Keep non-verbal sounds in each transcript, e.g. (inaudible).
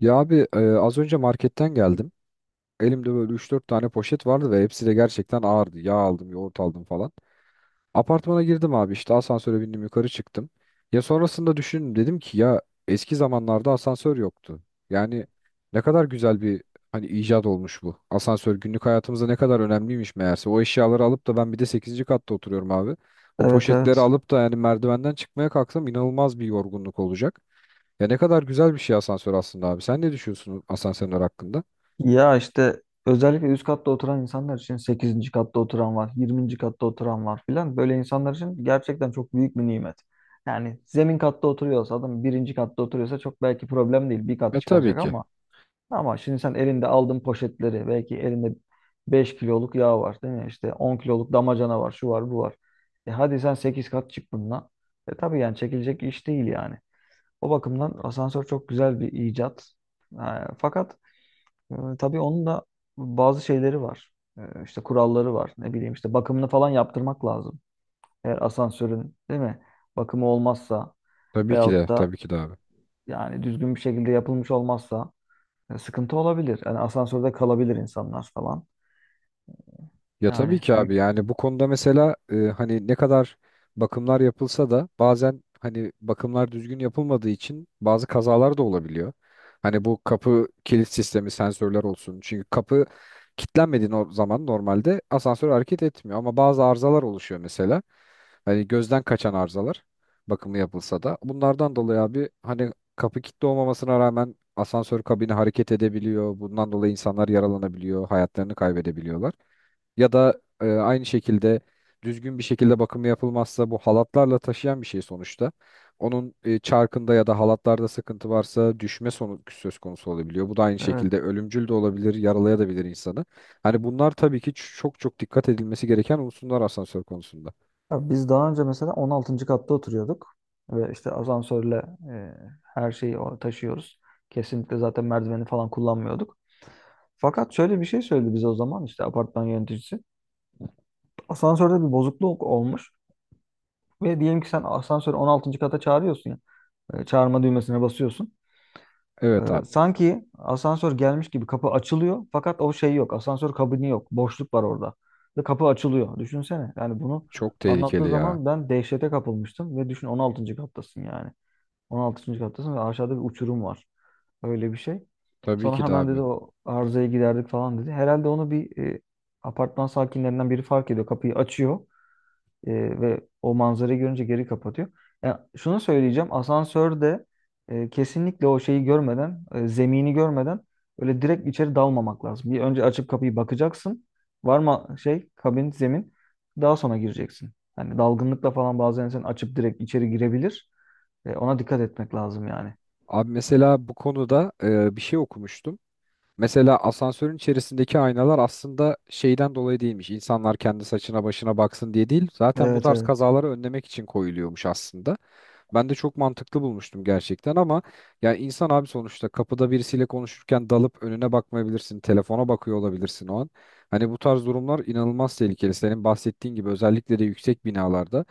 Ya abi az önce marketten geldim. Elimde böyle üç dört tane poşet vardı ve hepsi de gerçekten ağırdı. Yağ aldım, yoğurt aldım falan. Apartmana girdim abi işte asansöre bindim yukarı çıktım. Ya sonrasında düşündüm dedim ki ya eski zamanlarda asansör yoktu. Yani ne kadar güzel bir hani icat olmuş bu. Asansör günlük hayatımızda ne kadar önemliymiş meğerse. O eşyaları alıp da ben bir de sekizinci katta oturuyorum abi. O Evet, poşetleri evet. alıp da yani merdivenden çıkmaya kalksam inanılmaz bir yorgunluk olacak. Ya ne kadar güzel bir şey asansör aslında abi. Sen ne düşünüyorsun asansörler hakkında? Ya işte özellikle üst katta oturan insanlar için sekizinci katta oturan var, yirminci katta oturan var filan. Böyle insanlar için gerçekten çok büyük bir nimet. Yani zemin katta oturuyorsa adam, birinci katta oturuyorsa çok belki problem değil. Bir kat E tabii çıkaracak, ki. ama şimdi sen elinde aldığın poşetleri, belki elinde 5 kiloluk yağ var değil mi? İşte 10 kiloluk damacana var, şu var, bu var. E hadi sen 8 kat çık bununla. E tabii, yani çekilecek iş değil yani. O bakımdan asansör çok güzel bir icat. Ha, fakat tabii onun da bazı şeyleri var. İşte kuralları var. Ne bileyim, işte bakımını falan yaptırmak lazım. Eğer asansörün, değil mi? Bakımı olmazsa, Tabii ki de. veyahut da Tabii ki de abi. yani düzgün bir şekilde yapılmış olmazsa sıkıntı olabilir. Yani asansörde kalabilir insanlar falan. Ya tabii Yani ki abi yani bu konuda mesela hani ne kadar bakımlar yapılsa da bazen hani bakımlar düzgün yapılmadığı için bazı kazalar da olabiliyor. Hani bu kapı kilit sistemi sensörler olsun. Çünkü kapı kilitlenmediği o zaman normalde asansör hareket etmiyor ama bazı arızalar oluşuyor mesela. Hani gözden kaçan arızalar bakımı yapılsa da bunlardan dolayı abi hani kapı kilitli olmamasına rağmen asansör kabini hareket edebiliyor. Bundan dolayı insanlar yaralanabiliyor, hayatlarını kaybedebiliyorlar ya da aynı şekilde düzgün bir şekilde bakımı yapılmazsa bu halatlarla taşıyan bir şey sonuçta. Onun çarkında ya da halatlarda sıkıntı varsa düşme sonu söz konusu olabiliyor. Bu da aynı evet. şekilde ölümcül de olabilir, yaralayabilir insanı. Hani bunlar tabii ki çok çok dikkat edilmesi gereken unsurlar asansör konusunda. Ya biz daha önce mesela 16. katta oturuyorduk ve işte asansörle e, her şeyi taşıyoruz. Kesinlikle zaten merdiveni falan kullanmıyorduk. Fakat şöyle bir şey söyledi bize o zaman işte apartman yöneticisi. Asansörde bir bozukluk olmuş ve diyelim ki sen asansörü on altıncı kata çağırıyorsun ya. E, çağırma düğmesine basıyorsun. E, Evet abi. sanki asansör gelmiş gibi kapı açılıyor, fakat o şey yok. Asansör kabini yok. Boşluk var orada. Ve kapı açılıyor. Düşünsene. Yani bunu Çok anlattığı tehlikeli ya. zaman ben dehşete kapılmıştım ve düşün, 16. kattasın yani. 16. kattasın ve aşağıda bir uçurum var. Öyle bir şey. Tabii Sonra ki de hemen dedi abi. o arızayı giderdik falan dedi. Herhalde onu bir apartman sakinlerinden biri fark ediyor. Kapıyı açıyor. E, Ve o manzarayı görünce geri kapatıyor. Ya şunu söyleyeceğim. Asansörde kesinlikle o şeyi görmeden, zemini görmeden öyle direkt içeri dalmamak lazım. Bir önce açıp kapıyı bakacaksın. Var mı şey, kabin, zemin. Daha sonra gireceksin. Hani dalgınlıkla falan bazen sen açıp direkt içeri girebilir. Ona dikkat etmek lazım yani. Abi mesela bu konuda bir şey okumuştum. Mesela asansörün içerisindeki aynalar aslında şeyden dolayı değilmiş. İnsanlar kendi saçına başına baksın diye değil. Zaten bu Evet, tarz evet. kazaları önlemek için koyuluyormuş aslında. Ben de çok mantıklı bulmuştum gerçekten ama ya insan abi sonuçta kapıda birisiyle konuşurken dalıp önüne bakmayabilirsin. Telefona bakıyor olabilirsin o an. Hani bu tarz durumlar inanılmaz tehlikeli. Senin bahsettiğin gibi özellikle de yüksek binalarda.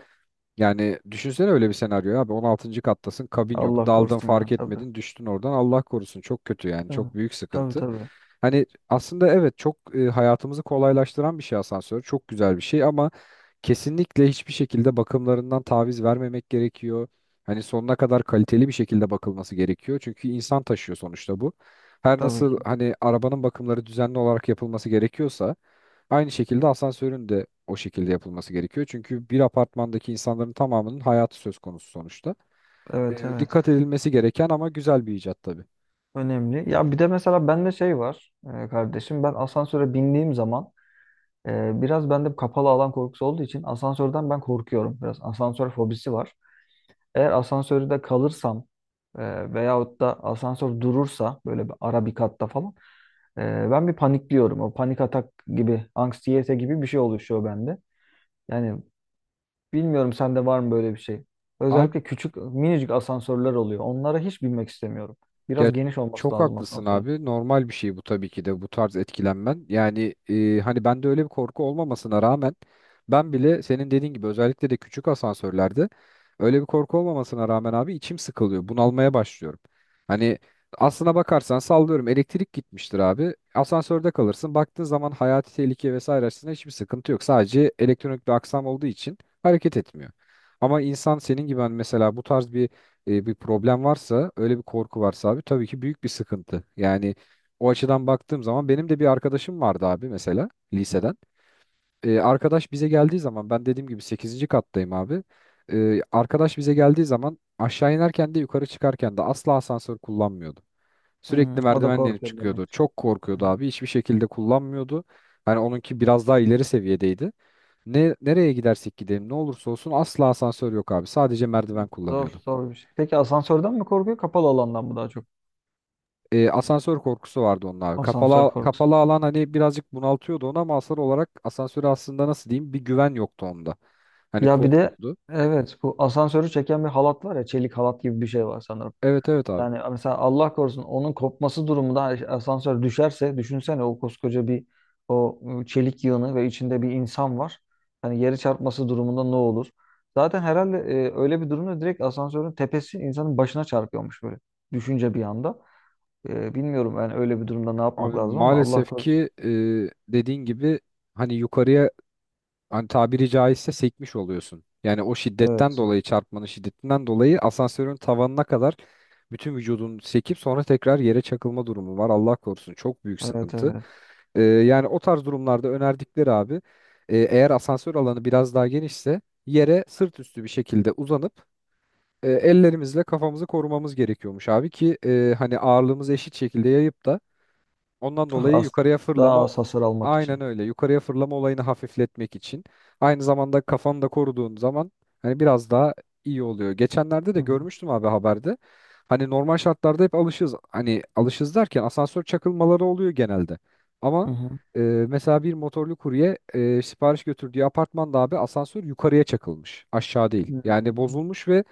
Yani düşünsene öyle bir senaryo abi 16. kattasın kabin yok Allah daldın korusun, ya fark tabii. etmedin düştün oradan Allah korusun çok kötü yani Tabii, çok büyük tabii. sıkıntı. Tabii, Hani aslında evet çok hayatımızı kolaylaştıran bir şey asansör çok güzel bir şey ama kesinlikle hiçbir şekilde bakımlarından taviz vermemek gerekiyor. Hani sonuna kadar kaliteli bir şekilde bakılması gerekiyor çünkü insan taşıyor sonuçta bu. Her tabii nasıl ki. hani arabanın bakımları düzenli olarak yapılması gerekiyorsa aynı şekilde asansörün de o şekilde yapılması gerekiyor. Çünkü bir apartmandaki insanların tamamının hayatı söz konusu sonuçta. Evet, evet. Dikkat edilmesi gereken ama güzel bir icat tabii. Önemli. Ya bir de mesela bende şey var, kardeşim. Ben asansöre bindiğim zaman biraz bende kapalı alan korkusu olduğu için asansörden ben korkuyorum. Biraz asansör fobisi var. Eğer asansörde kalırsam, veyahut da asansör durursa böyle bir ara bir katta falan, ben bir panikliyorum. O panik atak gibi, anksiyete gibi bir şey oluşuyor bende. Yani bilmiyorum, sende var mı böyle bir şey? Özellikle küçük minicik asansörler oluyor. Onlara hiç binmek istemiyorum. Ya Biraz geniş olması çok lazım haklısın asansörün. abi. Normal bir şey bu tabii ki de bu tarz etkilenmen. Yani hani bende öyle bir korku olmamasına rağmen ben bile senin dediğin gibi özellikle de küçük asansörlerde öyle bir korku olmamasına rağmen abi içim sıkılıyor. Bunalmaya başlıyorum. Hani aslına bakarsan sallıyorum elektrik gitmiştir abi. Asansörde kalırsın. Baktığın zaman hayati tehlike vesaire açısından hiçbir sıkıntı yok. Sadece elektronik bir aksam olduğu için hareket etmiyor. Ama insan senin gibi hani mesela bu tarz bir problem varsa, öyle bir korku varsa abi tabii ki büyük bir sıkıntı. Yani o açıdan baktığım zaman benim de bir arkadaşım vardı abi mesela liseden. Arkadaş bize geldiği zaman ben dediğim gibi sekizinci kattayım abi. Arkadaş bize geldiği zaman aşağı inerken de yukarı çıkarken de asla asansör kullanmıyordu. Hmm. Sürekli O da merdivenle inip korkuyor çıkıyordu. demek. Çok Hı korkuyordu hı. abi. Hiçbir şekilde kullanmıyordu. Hani onunki biraz daha ileri seviyedeydi. Ne nereye gidersek gidelim ne olursa olsun asla asansör yok abi. Sadece merdiven Zor, kullanıyordu. zor bir şey. Peki asansörden mi korkuyor, kapalı alandan mı daha çok? Asansör korkusu vardı onun abi. Asansör korkusu. Kapalı alan hani birazcık bunaltıyordu onu ama asıl olarak asansöre aslında nasıl diyeyim bir güven yoktu onda. Hani Ya bir de korkuyordu. evet, bu asansörü çeken bir halat var ya, çelik halat gibi bir şey var sanırım. Evet evet abi. Yani mesela Allah korusun onun kopması durumunda asansör düşerse, düşünsene o koskoca bir, o çelik yığını ve içinde bir insan var. Hani yeri çarpması durumunda ne olur? Zaten herhalde öyle bir durumda direkt asansörün tepesi insanın başına çarpıyormuş, böyle düşünce bir anda. Bilmiyorum yani öyle bir durumda ne yapmak Abi lazım ama Allah maalesef korusun. ki dediğin gibi hani yukarıya hani tabiri caizse sekmiş oluyorsun. Yani o şiddetten Evet. dolayı çarpmanın şiddetinden dolayı asansörün tavanına kadar bütün vücudun sekip sonra tekrar yere çakılma durumu var. Allah korusun çok büyük Evet, sıkıntı. evet. Yani o tarz durumlarda önerdikleri abi eğer asansör alanı biraz daha genişse yere sırt üstü bir şekilde uzanıp ellerimizle kafamızı korumamız gerekiyormuş abi ki hani ağırlığımızı eşit şekilde yayıp da ondan Daha dolayı az, yukarıya daha fırlama az hasar almak aynen için. öyle. Yukarıya fırlama olayını hafifletmek için. Aynı zamanda kafanı da koruduğun zaman hani biraz daha iyi oluyor. Geçenlerde de Hı hı. görmüştüm abi haberde. Hani normal şartlarda hep alışız. Hani alışız derken asansör çakılmaları oluyor genelde. Hı Ama hı. Mesela bir motorlu kurye sipariş götürdüğü apartmanda abi asansör yukarıya çakılmış. Aşağı değil. Yani Hmm. bozulmuş ve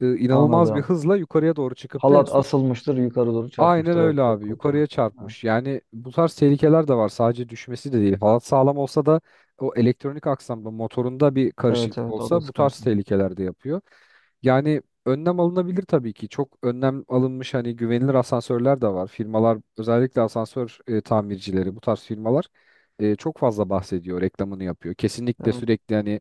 inanılmaz bir Anladım. hızla yukarıya doğru çıkıp da en Halat son asılmıştır, yukarı doğru aynen çarpmıştır. Evet, öyle çok abi. kötü. Yukarıya çarpmış. Yani bu tarz tehlikeler de var. Sadece düşmesi de değil. Halat sağlam olsa da o elektronik aksamda motorunda bir Evet, evet, karışıklık evet, o da olsa bu tarz sıkıntı. tehlikeler de yapıyor. Yani önlem alınabilir tabii ki. Çok önlem alınmış hani güvenilir asansörler de var. Firmalar özellikle asansör tamircileri bu tarz firmalar çok fazla bahsediyor, reklamını yapıyor. Kesinlikle Evet. sürekli hani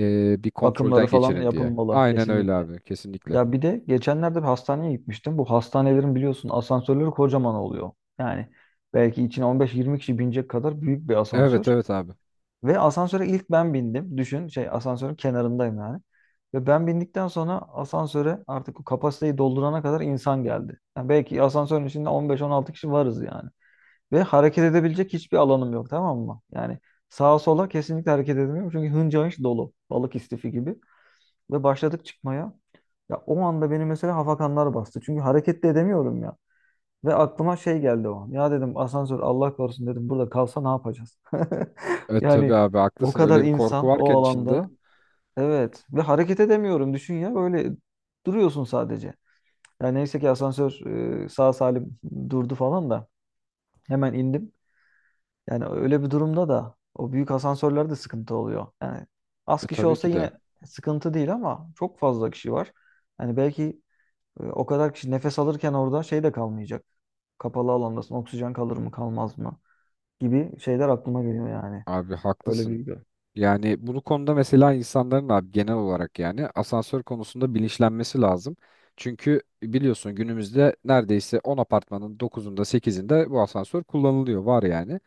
bir Bakımları kontrolden falan geçirin diye. yapılmalı Aynen öyle kesinlikle. abi. Kesinlikle. Ya bir de geçenlerde bir hastaneye gitmiştim. Bu hastanelerin biliyorsun asansörleri kocaman oluyor. Yani belki içine 15-20 kişi binecek kadar büyük bir Evet asansör. evet abi. Ve asansöre ilk ben bindim. Düşün, şey, asansörün kenarındayım yani. Ve ben bindikten sonra asansöre artık o kapasiteyi doldurana kadar insan geldi. Yani belki asansörün içinde 15-16 kişi varız yani. Ve hareket edebilecek hiçbir alanım yok, tamam mı? Yani sağa sola kesinlikle hareket edemiyorum. Çünkü hınca hınç dolu. Balık istifi gibi. Ve başladık çıkmaya. Ya o anda beni mesela hafakanlar bastı. Çünkü hareket de edemiyorum ya. Ve aklıma şey geldi o an. Ya dedim, asansör Allah korusun dedim burada kalsa ne yapacağız? (laughs) E tabii Yani abi o haklısın. kadar Öyle bir korku insan o varken içinde. alanda. Evet, ve hareket edemiyorum, düşün ya, böyle duruyorsun sadece. Yani neyse ki asansör sağ salim durdu falan da hemen indim. Yani öyle bir durumda da o büyük asansörlerde sıkıntı oluyor. Yani az E kişi tabii olsa ki de. yine sıkıntı değil, ama çok fazla kişi var. Yani belki o kadar kişi nefes alırken orada şey de kalmayacak, kapalı alandasın. Oksijen kalır mı kalmaz mı gibi şeyler aklıma geliyor yani. Abi Öyle bir. haklısın. Yani bu konuda mesela insanların abi genel olarak yani asansör konusunda bilinçlenmesi lazım. Çünkü biliyorsun günümüzde neredeyse 10 apartmanın 9'unda 8'inde bu asansör kullanılıyor var yani.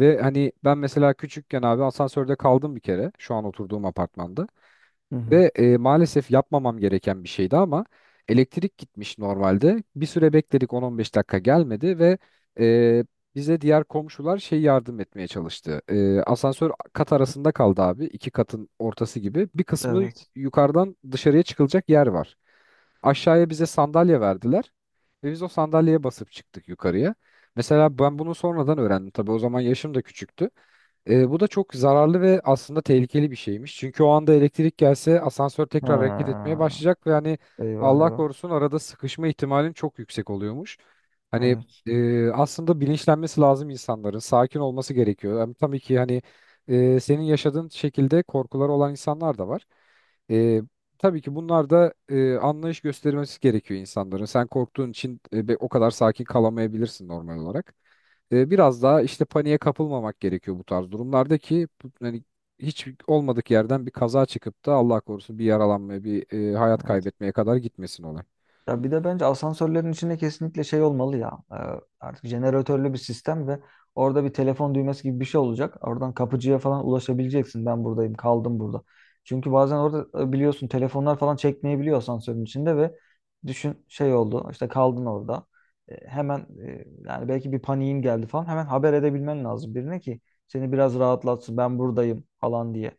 Ve hani ben mesela küçükken abi asansörde kaldım bir kere şu an oturduğum apartmanda. Hı hı. Ve maalesef yapmamam gereken bir şeydi ama elektrik gitmiş normalde. Bir süre bekledik 10-15 dakika gelmedi ve e, bize diğer komşular şey yardım etmeye çalıştı. E, asansör kat arasında kaldı abi. İki katın ortası gibi. Bir kısmı Evet. yukarıdan dışarıya çıkılacak yer var. Aşağıya bize sandalye verdiler ve biz o sandalyeye basıp çıktık yukarıya. Mesela ben bunu sonradan öğrendim. Tabii o zaman yaşım da küçüktü. E, bu da çok zararlı ve aslında tehlikeli bir şeymiş. Çünkü o anda elektrik gelse asansör Ha. tekrar hareket etmeye başlayacak ve hani Eyvah, Allah eyvah. korusun arada sıkışma ihtimalin çok yüksek oluyormuş. Hani Evet. Aslında bilinçlenmesi lazım insanların. Sakin olması gerekiyor. Hem tabii ki hani senin yaşadığın şekilde korkuları olan insanlar da var. E, tabii ki bunlar da anlayış göstermesi gerekiyor insanların. Sen korktuğun için o kadar sakin kalamayabilirsin normal olarak biraz daha işte paniğe kapılmamak gerekiyor bu tarz durumlarda ki hani hiç olmadık yerden bir kaza çıkıp da Allah korusun bir yaralanmaya, bir hayat Evet. kaybetmeye kadar gitmesin olay. Ya bir de bence asansörlerin içinde kesinlikle şey olmalı ya. Artık jeneratörlü bir sistem ve orada bir telefon düğmesi gibi bir şey olacak. Oradan kapıcıya falan ulaşabileceksin. Ben buradayım, kaldım burada. Çünkü bazen orada biliyorsun telefonlar falan çekmeyebiliyor asansörün içinde ve düşün, şey oldu, işte kaldın orada. E, hemen Yani belki bir paniğin geldi falan. Hemen haber edebilmen lazım birine ki seni biraz rahatlatsın. Ben buradayım falan diye.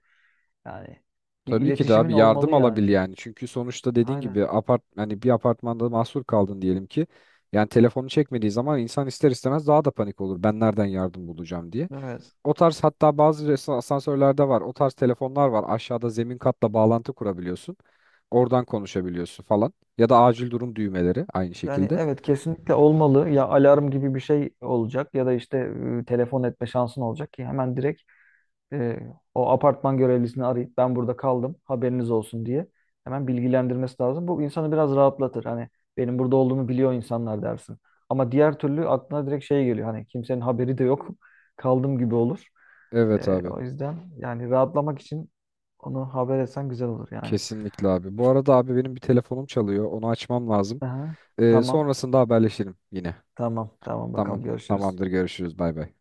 Yani bir Tabii ki de iletişimin abi olmalı yardım yani. alabil yani. Çünkü sonuçta dediğin Aynen. gibi apart hani bir apartmanda mahsur kaldın diyelim ki. Yani telefonu çekmediği zaman insan ister istemez daha da panik olur. Ben nereden yardım bulacağım diye. Evet. O tarz hatta bazı asansörlerde var. O tarz telefonlar var. Aşağıda zemin katla bağlantı kurabiliyorsun. Oradan konuşabiliyorsun falan. Ya da acil durum düğmeleri aynı Yani şekilde. evet, kesinlikle olmalı. Ya alarm gibi bir şey olacak ya da işte telefon etme şansın olacak ki hemen direkt e, o apartman görevlisini arayıp ben burada kaldım haberiniz olsun diye hemen bilgilendirmesi lazım. Bu insanı biraz rahatlatır. Hani benim burada olduğumu biliyor insanlar dersin. Ama diğer türlü aklına direkt şey geliyor. Hani kimsenin haberi de yok. (laughs) Kaldım gibi olur. E, Evet abi. o yüzden yani rahatlamak için onu haber etsen güzel olur yani. Kesinlikle abi. Bu arada abi benim bir telefonum çalıyor. Onu açmam lazım. Aha, tamam, Sonrasında haberleşelim yine. tamam, tamam, Tamam. bakalım, görüşürüz. Tamamdır. Görüşürüz. Bay bay.